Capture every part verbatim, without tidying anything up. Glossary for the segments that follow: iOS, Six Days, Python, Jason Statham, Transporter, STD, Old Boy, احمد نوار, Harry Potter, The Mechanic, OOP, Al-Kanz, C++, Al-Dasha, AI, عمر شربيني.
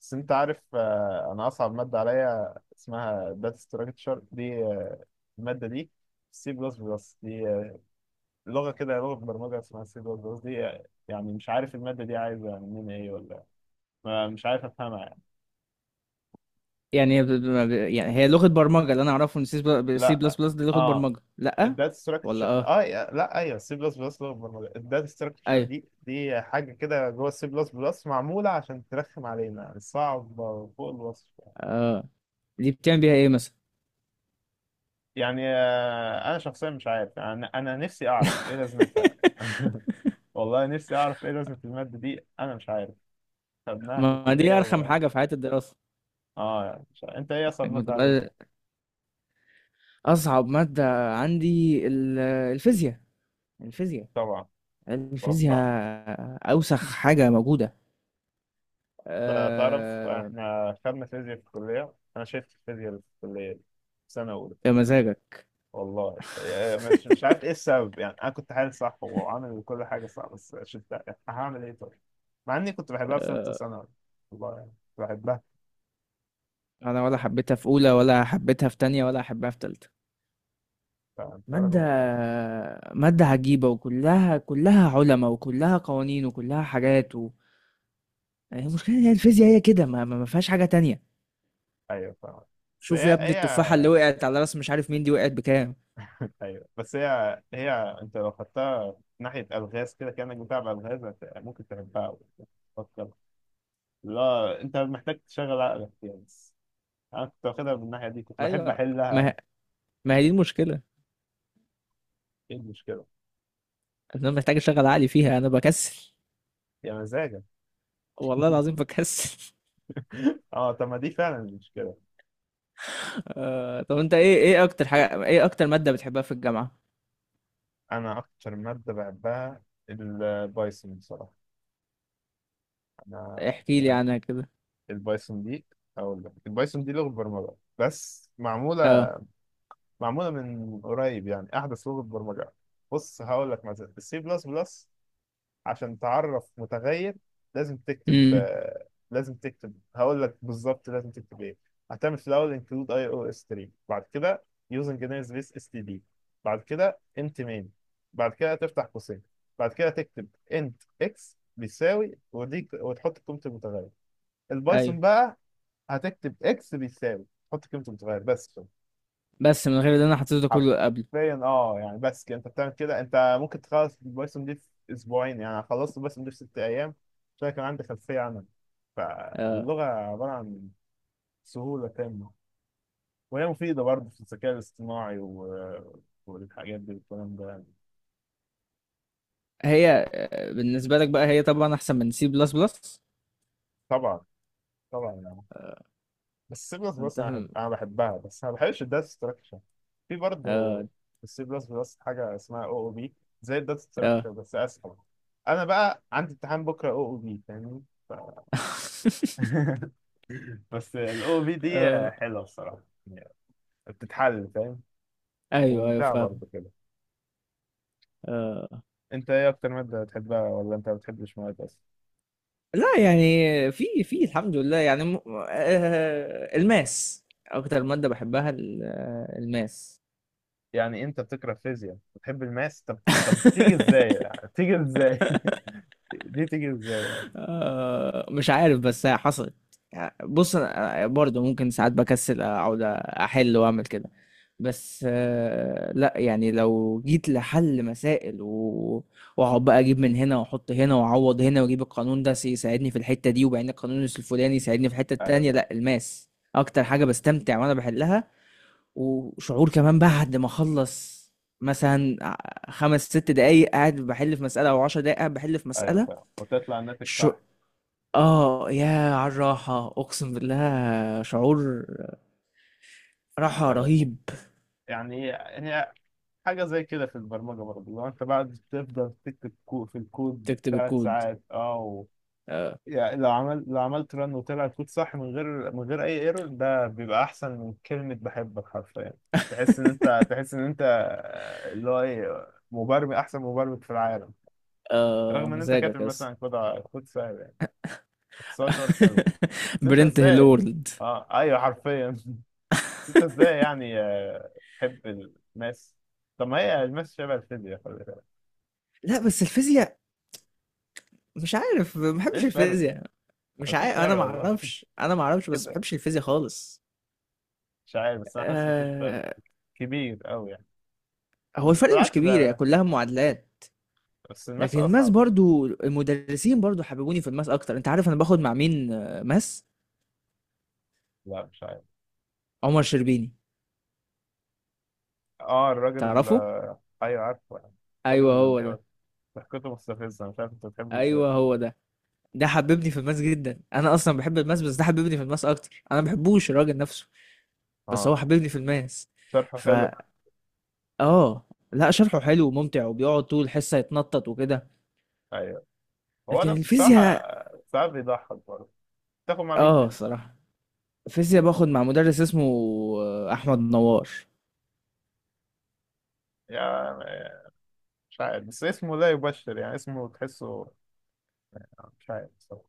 بس انت عارف آه، انا اصعب ماده عليا اسمها داتا ستراكشر دي آه، الماده دي سي بلس بلس دي آه، لغه كده لغه برمجه اسمها سي بلس بلس دي آه، يعني مش عارف الماده دي عايزه مننا ايه، ولا ما- مش عارف افهمها يعني. يعني ب- ب- يعني هي لغة برمجة اللي انا اعرفه ان سي بلس لا، بلس دي لغة اه. برمجة. لا، الداتا ولا ستراكشر اه، اه، يا- لا، ايوه، سي بلس بلس لغه برمجه، الداتا ستراكشر ايوه، دي دي حاجه كده جوه السي بلس بلس، معموله عشان ترخم علينا، صعبه فوق الوصف. اه. دي بتعمل بيها ايه مثلا؟ يعني آه، انا شخصيا مش عارف، انا انا نفسي اعرف ايه لازمتها. والله نفسي اعرف ايه لازمة المادة دي، انا مش عارف. خدناها في ما دي الكلية ارخم و حاجة في حياة الدراسة. اه، مش عارف. انت ايه اصعب انك مادة عليك؟ بتبقى اصعب مادة عندي ال- الفيزياء، الفيزياء، طبعا. الفيزياء، اتوقع. اوسخ حاجة موجودة. ت- تعرف آه، احنا خدنا فيزياء في الكلية، انا شفت الفيزياء اللي في الكلية دي في سنة اولى. يا مزاجك. والله آه، مش مش عارف ايه السبب يعني، انا كنت حالي صح وعامل كل حاجة صح بس شفتها. هعمل ايه طيب؟ مع اني كنت بحبها في ثالثة ثانوي، والله يعني، كنت بحبها. انا ولا حبيتها في اولى، ولا حبيتها في تانية، ولا حبيتها في تالتة. فانت راجل مادة محترم. مادة عجيبة، وكلها كلها علماء، وكلها قوانين، وكلها حاجات و... يعني المشكلة إن هي الفيزياء هي كده، ما, ما ما فيهاش حاجة تانية. ايوه فاهم. بس شوف يا هي ابني، هي. التفاحة اللي وقعت على راس مش عارف مين دي وقعت بكام؟ ايوه بس هي هي. انت لو خدتها ناحيه الغاز كده كانك بتلعب الغاز، هت- ممكن تحبها أوي. تفكر. لا، انت محتاج تشغل عقلك فيها بس. انا كنت واخدها من الناحيه دي، كنت بحب أيوة. ما احلها. ما هي دي المشكلة. ايه المشكله؟ أنا محتاج أشغل عقلي فيها، أنا بكسل، يا مزاجك. والله العظيم بكسل. اه، طب ما دي فعلا المشكله. آه... طب أنت إيه إيه أكتر حاجة، إيه أكتر مادة بتحبها في الجامعة؟ انا اكتر ماده بحبها البايثون بصراحه. انا احكي لي بحب عنها كده. البايثون دي. اقول لك، البايثون دي لغه برمجه بس معموله، أه. معموله من قريب، يعني احدث لغه برمجه. بص، هقول لك مثلا السي بلس بلس، عشان تعرف متغير لازم تكتب أمم آه، لازم تكتب، هقول لك بالظبط لازم تكتب ايه. هتعمل في الاول include اي او اس تلاتة، بعد كده using نيرز بيس اس تي دي، بعد كده انت مين، بعد كده تفتح قوسين، بعد كده تكتب انت اكس بيساوي ودي وتحط قيمه المتغير. أيوه، البايثون بقى، هتكتب اكس بيساوي، تحط قيمه المتغير بس. بس من غير اللي أنا حطيته ده كله قبل. حرفيا اه، يعني بس كده انت بتعمل كده. انت ممكن تخلص البايثون دي في اسبوعين، يعني أنا خلصت البايثون دي في ست ايام عشان كان عندي خلفيه عنها. آه. فاللغه عباره عن سهوله تامه، وهي مفيده برضه في الذكاء الاصطناعي و... والحاجات دي والكلام ده يعني. هي، آه، بالنسبة لك بقى هي طبعا أحسن من سي بلس بلس. طبعا، طبعا يعني. بس السي بلس أنت بلس انا فاهم؟ بحب- أنا بحبها، بس انا ما بحبش الداتا ستراكشر. في برضه آه. السي بلس بلس حاجه اسمها او او بي، زي الداتا آه. ستراكشر بس اسهل. انا بقى عندي امتحان بكره او او بي، فاهمني. بس الاو بي دي آه. حلوه بصراحه يعني، بتتحل فاهم. أيوه أيوه وممتعه فاهم. برضه كده. آه. انت ايه اكتر ماده بتحبها، ولا انت ما بتحبش مواد اصلا؟ لا يعني، في في الحمد لله يعني م... آه الماس أكتر مادة بحبها، ال- آه، الماس. يعني انت بتكره فيزياء بتحب الماس؟ طب. طب تيجي ازاي؟ يعني تيجي ازاي؟ دي تيجي ازاي يعني؟ آه، مش عارف بس هي حصلت. يعني بص انا برضه ممكن ساعات بكسل، اقعد احل واعمل كده. بس آه، لا يعني لو جيت لحل مسائل و... واقعد بقى اجيب من هنا واحط هنا واعوض هنا، واجيب القانون ده يساعدني في الحتة دي، وبعدين القانون الفلاني يساعدني في الحتة ايوه التانية. فاهم. لا الماس اكتر حاجة بستمتع وانا بحلها، وشعور كمان بعد ما اخلص، مثلا خمس ست دقايق قاعد بحل في مسألة، او عشر دقايق قاعد بحل في ايوه مسألة. فاهم، وتطلع الناتج الش- صح. آه، ياه على الراحة، أقسم بالله شعور راحة ايوه فاهم. رهيب. يعني هي حاجه زي كده في البرمجه برضه، لو انت بعد تفضل تكتب كو- في الكود تكتب ثلاث الكود. ساعات اه، آه. يعني لو عمل لو عملت رن وطلع الكود صح من غير من غير اي ايرور، ده بيبقى احسن من كلمة بحبك حرفيا. تحس ان انت تحس ان انت آه، اللي هو ايه، مبرمج، احسن مبرمج في العالم. آه، يا رغم ان انت كاتب مزاجك يا اسطى. مثلا كود ع- كود سهل يعني، بس هو شعور حلو. بس انت برنت ازاي. هيلورد. اه ايوه حرفيا. انت ازاي يعني آه، تحب الماس؟ طب ما هي الماس شبه الفيزياء، خلي بالك. لأ بس الفيزياء مش عارف، ما ايه باحبش الفرق؟ الفيزياء. مش مفيش عارف، أنا فرق ما والله. أعرفش، أنا ما أعرفش، بس ما كده، باحبش الفيزياء خالص. مش عارف بس انا حاسس مفيش فرق آه. كبير قوي يعني. هو بس الفرق مش بالعكس كبير، هي ده، كلها معادلات. بس الماس لكن الماس أصعب. برضو، المدرسين برضو حببوني في الماس أكتر. أنت عارف أنا باخد مع مين آه، ماس؟ لا مش عارف. عمر شربيني. اه الراجل، تعرفه؟ آه، أيوه عارفه يعني. الراجل أيوه اللي هو بيقعد ده. ضحكته مستفزة، مش عارف أنت بتحبه إزاي. ايوه هو ده، ده حببني في الماس جدا، انا اصلا بحب الماس بس ده حببني في الماس اكتر. انا ما بحبوش الراجل نفسه، بس هو اه، حببني في الماس. شرحه حلو. فا، اه. لا شرحه حلو وممتع، وبيقعد طول الحصه يتنطط وكده. أيوه هو ده لكن بصراحة. الفيزياء، ساعات بيضحك برضه. تاخد مع مين اه فيلم؟ صراحه الفيزياء باخد مع مدرس اسمه آه، احمد نوار. يا، مش عارف بس اسمه لا يبشر يعني، اسمه تحسه، مش عارف بصراحة.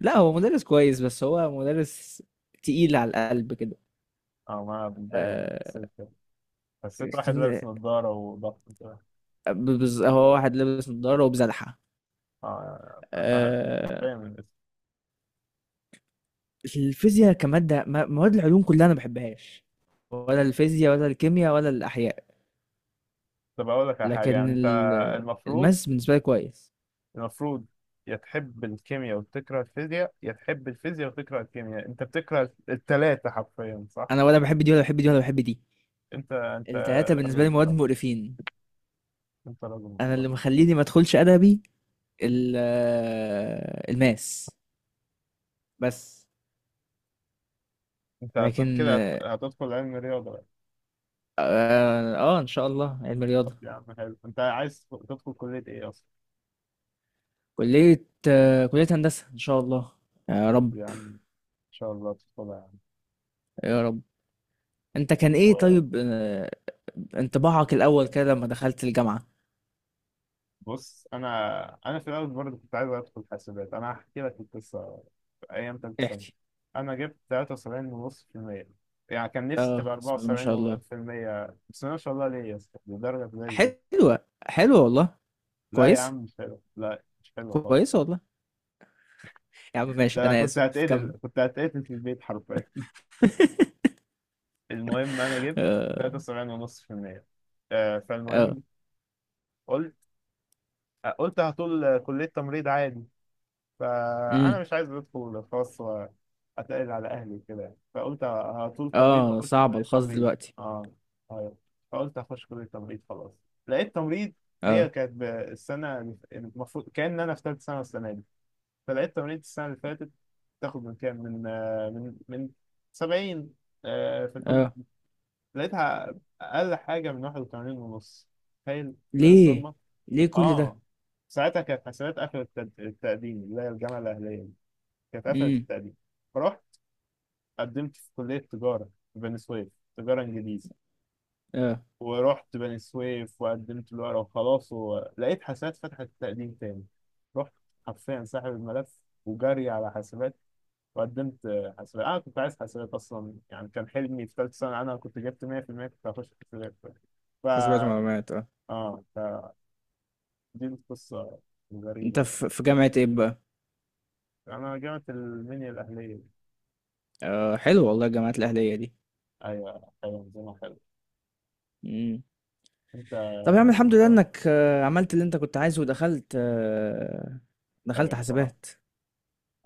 لا هو مدرس كويس، بس هو مدرس تقيل على القلب كده. اه ما بتضايق، أنا آه. حسيت كده. حسيت واحد لكن- لابس نظارة وضغط كده. بز- هو واحد لابس نضاره وبزلحه. اه أتهت. آه. باين من الاسم. الفيزياء كمادة، ما- مواد العلوم كلها أنا ما بحبهاش، ولا الفيزياء ولا الكيمياء ولا الأحياء. طب أقول لك على حاجة، لكن أنت. ال- المفروض، الماس بالنسبة لي كويس. المفروض يا تحب الكيمياء وتكره الفيزياء يا تحب الفيزياء وتكره الكيمياء، انت بتكره التلاتة حرفيا صح؟ أنا ولا بحب دي ولا بحب دي ولا بحب دي، انت، انت التلاتة راجل بالنسبة لي مواد محترم، مقرفين. انت راجل أنا محترم. اللي مخليني ما أدخلش أدبي ال- آه، الماس بس. انت هت- لكن كده هت- آه، هتدخل علم رياضة بقى؟ آه، آه، إن شاء الله علم طب رياضة. يا عم حلو، انت عايز تدخل كلية ايه اصلا؟ كلية آه، كلية هندسة إن شاء الله، يا طب رب. يا عم ان شاء الله تدخلها يا يا رب. أنت كان إيه عم. طيب آه، انطباعك الأول كده لما دخلت الجامعة؟ بص، انا انا في الاول برضه كنت عايز ادخل حاسبات، انا هحكي لك القصه. في ايام تالتة سنه احكي. انا جبت تلاتة وسبعين فاصلة خمسة بالمية، يعني كان نفسي تبقى اه بسم الله ما شاء الله، أربعة وسبعين بالمية. بس ما شاء الله، ليه يا اسطى، دي درجه زي الزفت. حلوة حلوة والله، لا يا كويسة عم مش حلو، لا مش حلو خالص. كويسة والله. يا عم ماشي ده انا انا كنت اسف، هتقتل كمل. كنت هتقتل في البيت حرفيا. المهم انا جبت اه. تلاتة وسبعين فاصلة خمسة بالمية، آه، اه. فالمهم، قلت قلت هطول كليه تمريض عادي. فانا امم. مش عايز ادخل خاص واتقل على اهلي وكده، فقلت هطول تمريض اه واخش صعب كليه الخاص تمريض. دلوقتي. اه ايوه، فقلت هخش كليه تمريض خلاص. لقيت تمريض، هي اه. كانت ب- السنه اللي ف- يعني المفروض كان انا في ثالث سنه السنه دي، فلقيت تمريض السنه اللي فاتت تاخد من كام، من آه، من من سبعين، آه، في الحب اه. لقيتها اقل حاجه من واحد وثمانين ونص، تخيل. غير ليه؟ الصدمه. ليه كل ده؟ اه، ساعتها كانت حسابات اخر التد- التقديم اللي هي الجامعه الاهليه، كانت قفلت امم. التقديم، فرحت قدمت في كلية تجارة في بني سويف، تجارة إنجليزي، اه. ورحت بني سويف وقدمت الورقة وخلاص، ولقيت حاسبات فتحت تقديم تاني. رحت، حرفيا ساحب الملف وجري على حاسبات، وقدمت آه، حاسبات. أنا كنت عايز حاسبات أصلا يعني، كان حلمي في ثالثة سنة أنا كنت جبت مئة في المئة، كنت هخش حاسبات. ف حاسبات ومعلومات، اه. آه فدي القصة انت الغريبة. في في طب، جامعة ايه بقى؟ أنا جامعة المنيا الأهلية. آه حلو والله الجامعات الأهلية دي. أيوة، أيوة نظامها حلو. امم. أنت. طب يا عم الحمد لله انك آه، عملت اللي انت كنت عايزه، ودخلت آه، دخلت أيوة بصراحة. حاسبات.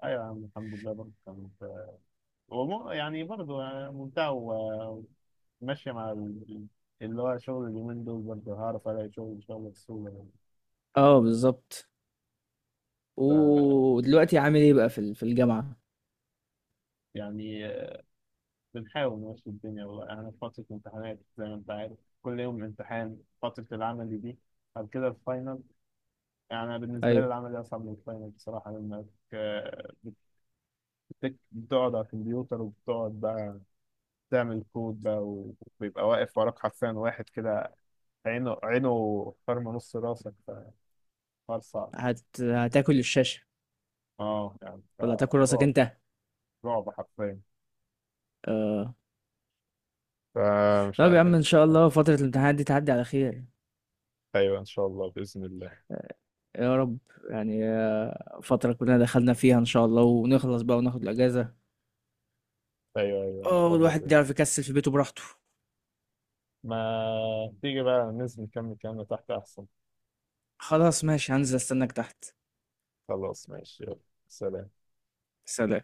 ايوه يا عم الحمد لله، برضه كانت، ومو يعني برضه يعني ممتع و- وماشيه مع ال- اللي هو شغل اليومين دول، برضه هعرف الاقي شغل ان شاء الله بسهوله. اه بالظبط. ف- ودلوقتي عامل ايه بقى في ال- في الجامعة؟ يعني آه، بنحاول نمشي الدنيا والله يعني. انا في فتره امتحانات زي ما انت عارف، كل يوم امتحان، فتره العمل دي، بعد كده الفاينل. يعني أنا بالنسبه لي ايوه العمل اصعب من الفاينل بصراحه، لانك آه، بتك- بتقعد على الكمبيوتر وبتقعد بقى تعمل كود بقى، وبيبقى واقف وراك حرفيا واحد كده، عينه عينه خرم نص راسك، فحوار صعب. هت... هتاكل الشاشة اه يعني، ولا هتاكل راسك فرعب، انت؟ رعب حرفيا. آه. فمش طب يا عم عارف، ان مش شاء عارف. الله فترة الامتحانات دي تعدي على خير. ايوه ان شاء الله باذن الله. آه، يا رب. يعني آه، فترة كلنا دخلنا فيها ان شاء الله، ونخلص بقى وناخد الاجازة. ايوه ايوه ان اه شاء الله باذن. والواحد يعرف يكسل في بيته براحته. ما تيجي بقى ننزل نكمل كلامنا تحت احسن؟ خلاص ماشي، هنزل استناك تحت. خلاص ماشي يلا، سلام. سلام.